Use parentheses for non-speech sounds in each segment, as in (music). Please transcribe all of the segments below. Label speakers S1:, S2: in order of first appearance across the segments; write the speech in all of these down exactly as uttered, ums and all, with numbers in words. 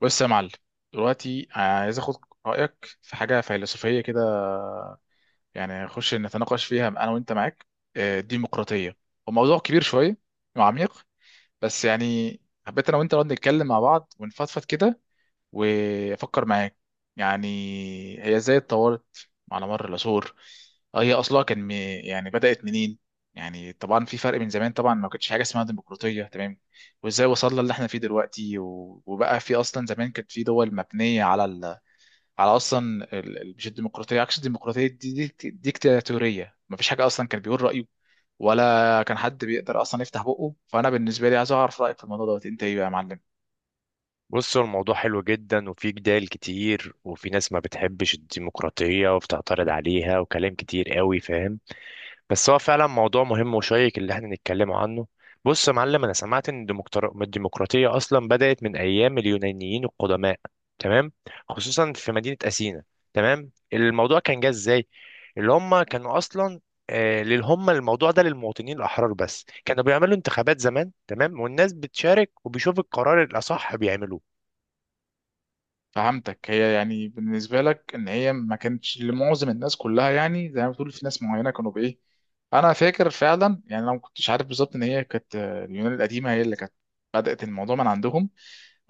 S1: بص يا معلم، دلوقتي عايز اخد رايك في حاجه فيلسوفيه كده. يعني نخش نتناقش فيها انا وانت. معاك؟ آه، الديمقراطيه وموضوع كبير شويه وعميق. بس يعني حبيت انا وانت نقعد نتكلم مع بعض ونفضفض كده وافكر معاك. يعني هي ازاي اتطورت على مر العصور؟ آه، هي اصلها كان م- يعني بدأت منين؟ يعني طبعا في فرق، من زمان طبعا ما كانتش حاجه اسمها ديمقراطيه، تمام؟ وازاي وصلنا اللي احنا فيه دلوقتي؟ و- وبقى في اصلا زمان كانت في دول مبنيه على ال... على اصلا ال... ال- مش الديمقراطيه، عكس الديمقراطيه، دي, دي دي- ديكتاتوريه. ما فيش حاجه اصلا، كان بيقول رايه ولا كان حد بيقدر اصلا يفتح بقه. فانا بالنسبه لي عايز اعرف رايك في الموضوع دوت، انت ايه بقى يا معلم؟
S2: بص، هو الموضوع حلو جدا وفي جدال كتير وفي ناس ما بتحبش الديمقراطية وبتعترض عليها وكلام كتير قوي، فاهم. بس هو فعلا موضوع مهم وشيق اللي احنا نتكلم عنه. بص يا معلم، انا سمعت ان الديمقرا- الديمقراطية اصلا بدأت من ايام اليونانيين القدماء، تمام، خصوصا في مدينة أثينا. تمام، الموضوع كان جه ازاي. اللي هم كانوا اصلا، آه، لل- هم الموضوع ده للمواطنين الأحرار بس. كانوا بيعملوا انتخابات زمان، تمام، والناس بتشارك وبيشوف القرار الأصح بيعملوه.
S1: فهمتك، هي يعني بالنسبة لك إن هي ما كانتش لمعظم الناس كلها، يعني زي ما بتقول في ناس معينة كانوا بإيه. أنا فاكر فعلا، يعني أنا ما كنتش عارف بالظبط إن هي كانت، آه، اليونان القديمة هي اللي كانت بدأت الموضوع من عندهم.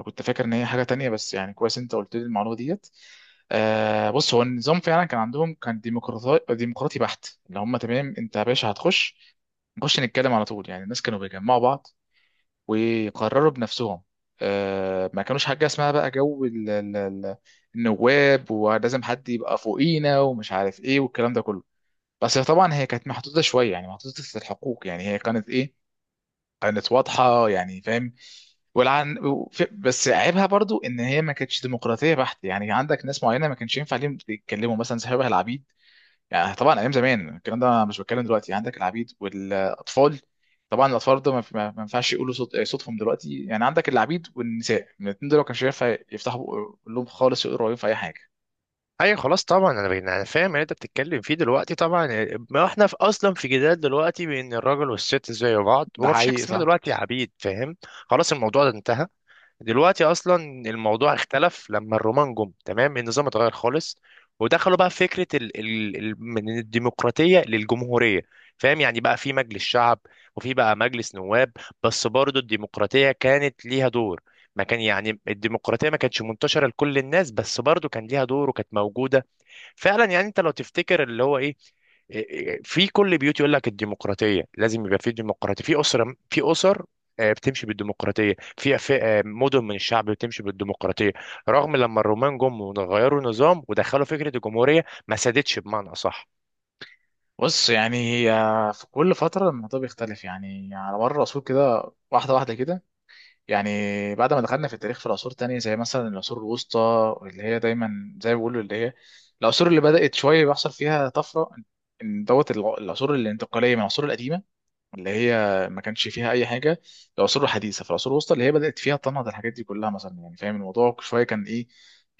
S1: أنا كنت فاكر إن هي حاجة تانية، بس يعني كويس أنت قلت لي المعلومة ديت. آه، بص هو النظام فعلا كان عندهم، كان ديمقراطي، ديمقراطي بحت اللي هم، تمام؟ أنت يا باشا هتخش نخش نتكلم على طول. يعني الناس كانوا بيجمعوا بعض وقرروا بنفسهم. آه، ما كانوش حاجة اسمها بقى جو ال- ال- ال- النواب ولازم حد يبقى فوقينا ومش عارف ايه والكلام ده كله. بس طبعا هي كانت محدودة شوية، يعني محدودة الحقوق، يعني هي كانت ايه، كانت واضحة يعني، فاهم؟ والعن... وف- بس عيبها برضو ان هي ما كانتش ديمقراطية بحت، يعني عندك ناس معينة ما كانش ينفع ليهم يتكلموا، مثلا شبه العبيد. يعني طبعا ايام زمان الكلام ده، مش بتكلم دلوقتي، عندك العبيد والاطفال. طبعا الاطفال ده ما ما- ما ينفعش يقولوا صوت، آه، صوتهم دلوقتي. يعني عندك العبيد والنساء، من الاثنين دول ما كانش ينفع يفتحوا بق- لهم خالص، يقروا عليهم في اي حاجه.
S2: اي خلاص، طبعا انا بين، انا فاهم اللي انت بتتكلم فيه دلوقتي. طبعا ما احنا في اصلا في جدال دلوقتي بين الراجل والست زي بعض،
S1: ده
S2: وما فيش حاجه
S1: حقيقي
S2: اسمها
S1: صح.
S2: دلوقتي عبيد، فاهم. خلاص الموضوع ده انتهى دلوقتي اصلا. الموضوع اختلف لما الرومان جم، تمام، النظام اتغير خالص، ودخلوا بقى في فكره ال ال ال من الديمقراطيه للجمهوريه، فاهم. يعني بقى في مجلس شعب، وفي بقى مجلس نواب. بس برضه الديمقراطيه كانت ليها دور، ما كان يعني الديمقراطيه ما كانتش منتشره لكل الناس، بس برضه كان ليها دور وكانت موجوده. فعلا يعني انت لو تفتكر اللي هو ايه، إيه- إيه، في كل بيوت يقول لك الديمقراطيه لازم يبقى في ديمقراطيه في اسره، في اسر آه، بتمشي بالديمقراطيه، في في، آه، مدن من الشعب بتمشي بالديمقراطيه. رغم لما الرومان جم وغيروا النظام ودخلوا فكره الجمهوريه، ما سادتش بمعنى اصح.
S1: بص يعني هي في كل فتره الموضوع بيختلف، يعني على مر العصور كده، واحده واحده كده. يعني بعد ما دخلنا في التاريخ في العصور التانية، زي مثلا العصور الوسطى اللي هي دايما زي ما بيقولوا اللي هي العصور اللي بدأت شوية بيحصل فيها طفرة. ان دوت الع- العصور الانتقالية من العصور القديمة اللي هي ما كانش فيها اي حاجه. العصور الحديثه، في العصور الوسطى اللي هي بدات فيها تنهض الحاجات دي كلها، مثلا، يعني فاهم الموضوع شويه كان ايه؟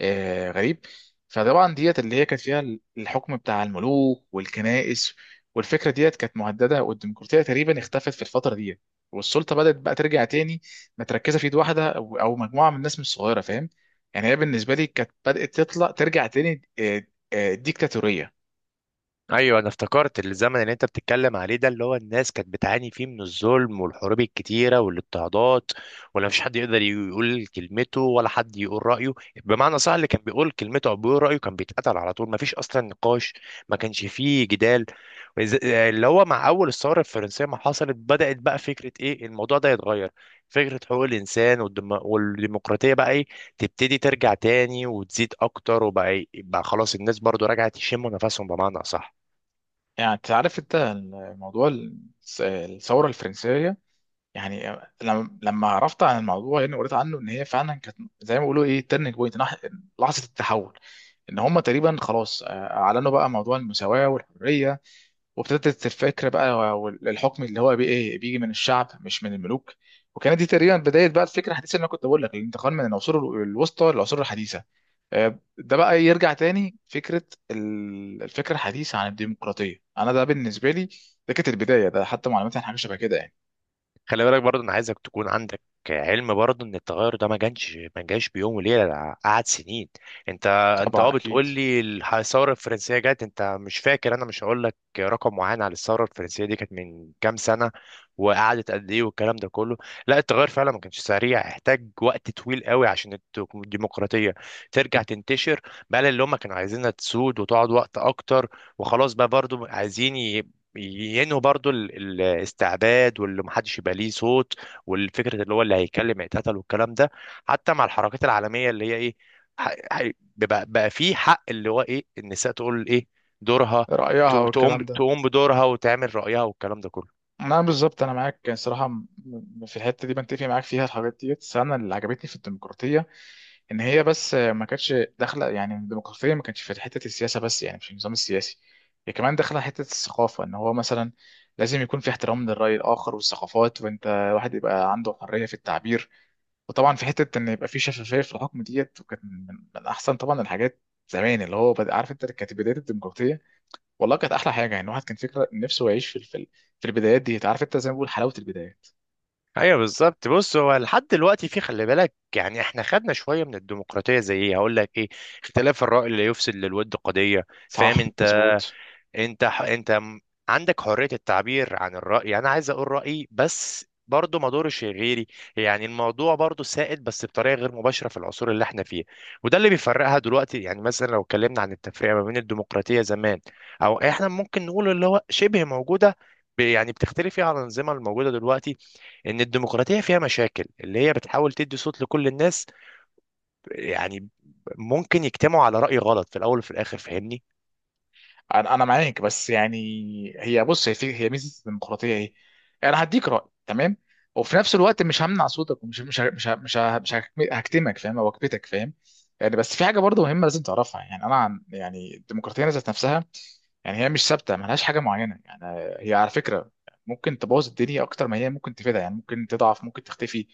S1: آه غريب. فطبعا ديت اللي هي كانت فيها الحكم بتاع الملوك والكنائس، والفكره ديت كانت مهدده، والديمقراطيه تقريبا اختفت في الفتره ديت. والسلطه بدات بقى ترجع تاني متركزه في ايد واحده، او أو مجموعه من الناس مش صغيره، فاهم؟ يعني هي بالنسبه لي كانت بدات تطلع ترجع تاني، آه، آه، ديكتاتوريه.
S2: ايوه، انا افتكرت الزمن اللي انت بتتكلم عليه ده، اللي هو الناس كانت بتعاني فيه من الظلم والحروب الكتيره والاضطهادات، ولا مفيش حد يقدر يقول كلمته ولا حد يقول رايه. بمعنى صح، اللي كان بيقول كلمته او بيقول رايه كان بيتقتل على طول، مفيش اصلا نقاش، ما كانش فيه جدال. وز- اللي هو مع اول الثوره الفرنسيه ما حصلت، بدات بقى فكره ايه، الموضوع ده يتغير. فكره حقوق الانسان والدم... والديمقراطيه بقى ايه، تبتدي ترجع تاني وتزيد اكتر. وبقى إيه؟ بقى خلاص الناس برضو رجعت يشموا نفسهم بمعنى اصح.
S1: يعني تعرف انت الموضوع، الثوره الفرنسيه، يعني لما لما عرفت عن الموضوع، يعني قريت عنه ان هي فعلا كانت زي ما بيقولوا ايه، تيرنينج بوينت، لحظه التحول. ان هم تقريبا خلاص، آه، اعلنوا بقى موضوع المساواه والحريه، وابتدت الفكره بقى والحكم اللي هو بي ايه بيجي من الشعب مش من الملوك. وكانت دي تقريبا بدايه بقى الفكره الحديثه، اللي انا كنت بقول لك، الانتقال من العصور الوسطى للعصور الحديثه. آه، ده بقى يرجع تاني فكره ال- الفكره الحديثه عن الديمقراطيه. انا ده بالنسبه لي، ده كانت البدايه، ده حتى معلوماتي عن حاجه شبه كده يعني.
S2: خلي بالك برضه، انا عايزك تكون عندك علم برضه ان التغير ده ما جانش ما جاش بيوم وليله، ده قعد سنين. انت، انت
S1: طبعا
S2: اه بتقول
S1: اكيد.
S2: لي الح- الثوره الفرنسيه جت، انت مش فاكر، انا مش هقول لك رقم معين على الثوره الفرنسيه دي كانت من كام سنه وقعدت قد ايه والكلام ده كله. لا، التغير فعلا ما كانش سريع، احتاج وقت طويل قوي عشان الت- الديمقراطيه ترجع تنتشر بقى، اللي هم كانوا عايزينها تسود وتقعد وقت اكتر. وخلاص بقى برضه عايزين ينهوا برضو ال- الاستعباد، واللي محدش يبقى ليه صوت، والفكره اللي هو اللي هيتكلم هيتقتل والكلام ده. حتى مع الحركات العالميه اللي هي ايه، ح- ح- بقى, بقى في حق اللي هو ايه، النساء تقول ايه، دورها،
S1: رأيها
S2: تقو- تقوم
S1: والكلام ده.
S2: تقوم بدورها وتعمل رايها والكلام ده كله.
S1: انا بالظبط انا معاك، يعني صراحه م- م- في الحته دي بنتفق معاك فيها، الحاجات دي. بس انا اللي عجبتني في الديمقراطيه ان هي، بس ما كانتش داخله، يعني الديمقراطيه ما كانتش في حته السياسه بس، يعني مش النظام السياسي، هي كمان داخله حته الثقافه. ان هو مثلا لازم يكون في احترام للراي الاخر والثقافات، وانت الواحد يبقى عنده حريه في التعبير. وطبعا في حته ان يبقى في شفافيه في الحكم ديت، وكان من من احسن طبعا الحاجات زمان اللي هو بد- عارف انت، كانت بدايه الديمقراطيه. والله كانت احلى حاجه، يعني الواحد كان فكره نفسه يعيش في ال- في ال- في البدايات دي، عارف انت، زي ما بقول حلاوه البدايات.
S2: ايوه بالظبط. بص، هو لحد دلوقتي في، خلي بالك يعني، احنا خدنا شويه من الديمقراطيه زي ايه، هقول لك ايه، اختلاف الراي لا يفسد للود قضيه،
S1: صح.
S2: فاهم انت.
S1: مظبوط.
S2: انت ح... انت م- عندك حرية التعبير عن الرأي، يعني انا عايز اقول رأيي بس برضه ما دورش غيري. يعني الموضوع برضه سائد بس بطريقة غير مباشرة في العصور اللي احنا فيه. وده اللي بيفرقها دلوقتي، يعني مثلا لو اتكلمنا عن التفرقة ما بين الديمقراطية زمان او احنا ممكن نقول اللي هو شبه موجودة، ب- يعني بتختلف فيها عن الأنظمة الموجودة دلوقتي. إن الديمقراطية فيها مشاكل، اللي هي بتحاول تدي صوت لكل الناس، يعني ممكن يجتمعوا على رأي غلط في الأول وفي الآخر، فاهمني.
S1: انا انا معاك. بس يعني هي، بص هي في، هي ميزه الديمقراطيه ايه، انا هديك راي، تمام، وفي نفس الوقت مش همنع صوتك، ومش مش مش مش مش هكتمك، فاهم؟ او اكبتك، فاهم؟ يعني بس في حاجه برضه مهمه لازم تعرفها، يعني انا عن يعني الديمقراطيه ذات نفسها. يعني هي مش ثابته، ملهاش حاجه معينه يعني، هي على فكره ممكن تبوظ الدنيا اكتر ما هي ممكن تفيدها. يعني ممكن تضعف، ممكن تختفي.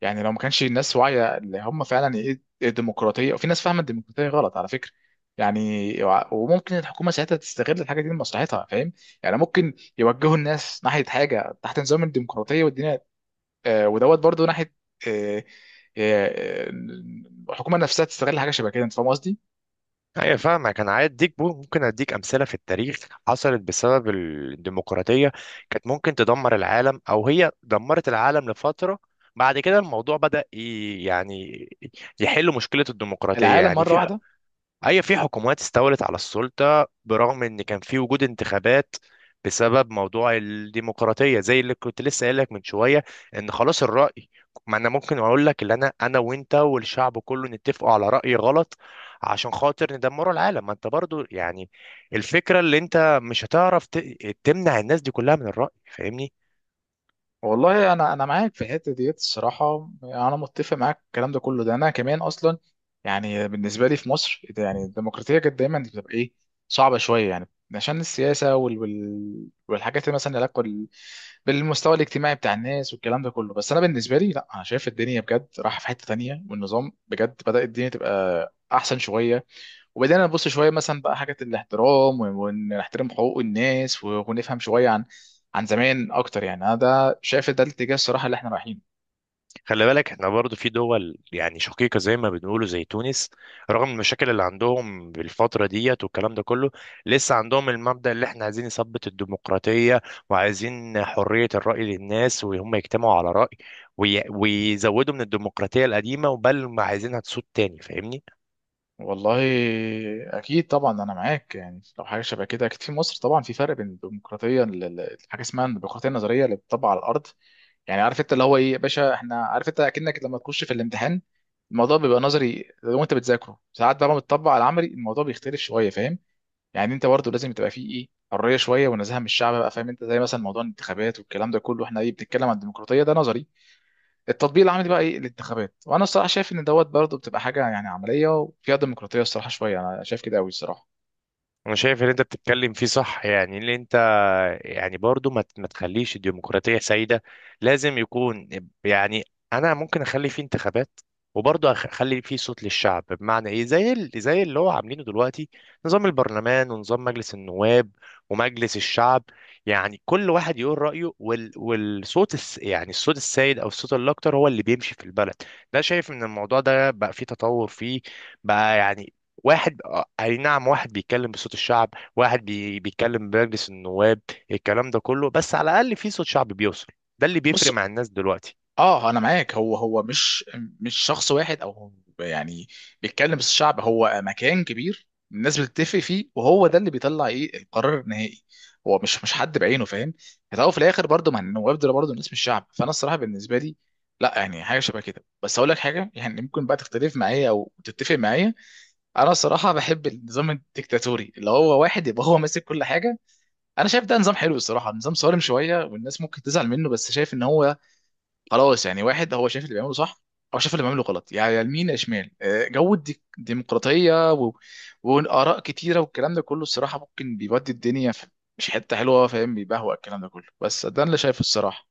S1: يعني لو ما كانش الناس واعيه اللي هم فعلا ايه الديمقراطيه، وفي ناس فاهمه الديمقراطيه غلط على فكره. يعني وع- وممكن الحكومه ساعتها تستغل الحاجه دي لمصلحتها، فاهم؟ يعني ممكن يوجهوا الناس ناحيه حاجه تحت نظام الديمقراطيه والدنيا، آه ودوت برضو ناحيه، آه آه آه، الحكومه نفسها تستغل حاجه شبه كده، انت فاهم قصدي.
S2: ايوه فاهمك. انا عايز اديك بو- ممكن اديك امثله في التاريخ حصلت بسبب الديمقراطيه، كانت ممكن تدمر العالم، او هي دمرت العالم لفتره. بعد كده الموضوع بدأ ي- يعني يحل مشكله الديمقراطيه.
S1: العالم
S2: يعني
S1: مره
S2: في،
S1: واحده.
S2: هي، في حكومات استولت على السلطة برغم إن كان في وجود انتخابات، بسبب موضوع الديمقراطية زي اللي كنت لسه قايل لك من شوية، إن خلاص الرأي، ما أنا ممكن أقول لك اللي أنا أنا وأنت والشعب كله نتفقوا على رأي غلط عشان خاطر ندمروا العالم. ما أنت برضو يعني الفكرة اللي أنت مش هتعرف ت- تمنع الناس دي كلها من الرأي، فاهمني.
S1: والله انا انا معاك في الحته ديت. الصراحه انا متفق معاك في الكلام ده كله. ده انا كمان اصلا، يعني بالنسبه لي، في مصر إيه ده، يعني الديمقراطيه كانت دايما بتبقى ايه، صعبه شويه، يعني عشان السياسه وال... وال... والحاجات اللي مثلا علاقه بال... بالمستوى الاجتماعي بتاع الناس والكلام ده كله. بس انا بالنسبه لي لا، انا شايف الدنيا بجد رايحه في حته تانية، والنظام بجد بدأ الدنيا تبقى احسن شويه. وبدأنا نبص شوية مثلا بقى حاجة الاحترام، و- ونحترم حقوق الناس، و- ونفهم شوية عن، عن زمان أكتر، يعني أنا ده شايف ده الاتجاه الصراحة اللي احنا رايحينه.
S2: خلي بالك، احنا برضو في دول يعني شقيقة زي ما بنقولوا زي تونس، رغم المشاكل اللي عندهم بالفترة ديت والكلام ده كله، لسه عندهم المبدأ اللي احنا عايزين نثبت الديمقراطية، وعايزين حرية الرأي للناس، وهم يجتمعوا على رأي، وي- ويزودوا من الديمقراطية القديمة وبل ما عايزينها تسود تاني، فاهمني؟
S1: والله أكيد طبعا أنا معاك، يعني لو حاجة شبه كده. أكيد في مصر طبعا في فرق بين الديمقراطية ال- ال- حاجة اسمها الديمقراطية النظرية اللي بتطبق على الأرض. يعني عارف أنت اللي هو إيه يا باشا، إحنا عارف أنت أكنك لما تخش في الامتحان، الموضوع بيبقى نظري لو أنت بتذاكره ساعات، بقى لما بتطبق على العملي الموضوع بيختلف شوية، فاهم؟ يعني انت برضه لازم تبقى فيه ايه، حريه شويه ونزاهه من الشعب، بقى فاهم انت، زي مثلا موضوع الانتخابات والكلام ده كله. احنا ايه، بنتكلم عن الديمقراطيه، ده نظري. التطبيق العملي بقى ايه، الانتخابات. وانا الصراحه شايف ان دوت برضه بتبقى حاجه يعني عمليه وفيها ديمقراطيه الصراحه شويه، انا شايف كده قوي الصراحه.
S2: انا شايف ان انت بتتكلم فيه صح، يعني اللي انت يعني برضو ما ت- ما تخليش الديمقراطية سيدة، لازم يكون يعني، أنا ممكن أخلي فيه انتخابات وبرضه أخ- أخلي فيه صوت للشعب، بمعنى إيه، زي ال- زي اللي هو عاملينه دلوقتي، نظام البرلمان ونظام مجلس النواب ومجلس الشعب. يعني كل واحد يقول رأيه، وال والصوت الس يعني الصوت السائد أو الصوت الأكتر هو اللي بيمشي في البلد. ده شايف إن الموضوع ده بقى فيه تطور فيه بقى، يعني واحد، آه، أي نعم، واحد بيتكلم بصوت الشعب، واحد بي... بيتكلم بمجلس النواب، الكلام ده كله، بس على الاقل في صوت شعبي بيوصل. ده اللي
S1: بص،
S2: بيفرق مع الناس دلوقتي.
S1: اه انا معاك. هو هو مش، مش شخص واحد او هو يعني بيتكلم بس، الشعب هو مكان كبير الناس بتتفق فيه، وهو ده اللي بيطلع ايه، القرار النهائي. هو مش، مش حد بعينه، فاهم؟ في الأول وفي الاخر برضه، ما النواب دول برضه الناس، مش شعب. فانا الصراحه بالنسبه لي لا، يعني حاجه شبه كده. بس اقول لك حاجه يعني، ممكن بقى تختلف معايا او تتفق معايا. انا الصراحه بحب النظام الديكتاتوري، اللي هو واحد يبقى هو ماسك كل حاجه. انا شايف ده نظام حلو الصراحه، نظام صارم شويه والناس ممكن تزعل منه، بس شايف ان هو خلاص، يعني واحد هو شايف اللي بيعمله صح، او شايف اللي بيعمله غلط، يعني يا يمين يا شمال. آه، جو الديك- الديمقراطيه و... واراء كتيره والكلام ده كله، الصراحه ممكن بيودي الدنيا في مش حته حلوه، فاهم؟ بيبهوأ الكلام ده كله، بس ده اللي شايفه الصراحه.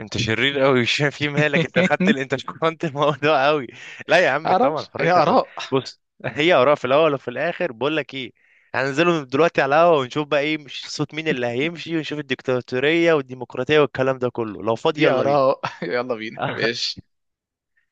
S2: انت شرير قوي مش فاهم (laughs) في مالك انت خدت
S1: (laughs)
S2: ال... انت (laughs) شكرت الموضوع قوي. لا يا عم طبعا
S1: معرفش، هي
S2: حريه الر...
S1: اراء.
S2: بص، هي اراء في الاول وفي الاخر، بقول لك ايه، هننزلوا دلوقتي على القهوه ونشوف بقى ايه، مش صوت مين اللي هيمشي، ونشوف الديكتاتوريه والديمقراطيه والكلام ده كله، لو فاضي
S1: دي
S2: يلا بينا.
S1: اراء. (laughs) يلا بينا،
S2: (laughs)
S1: ماشي.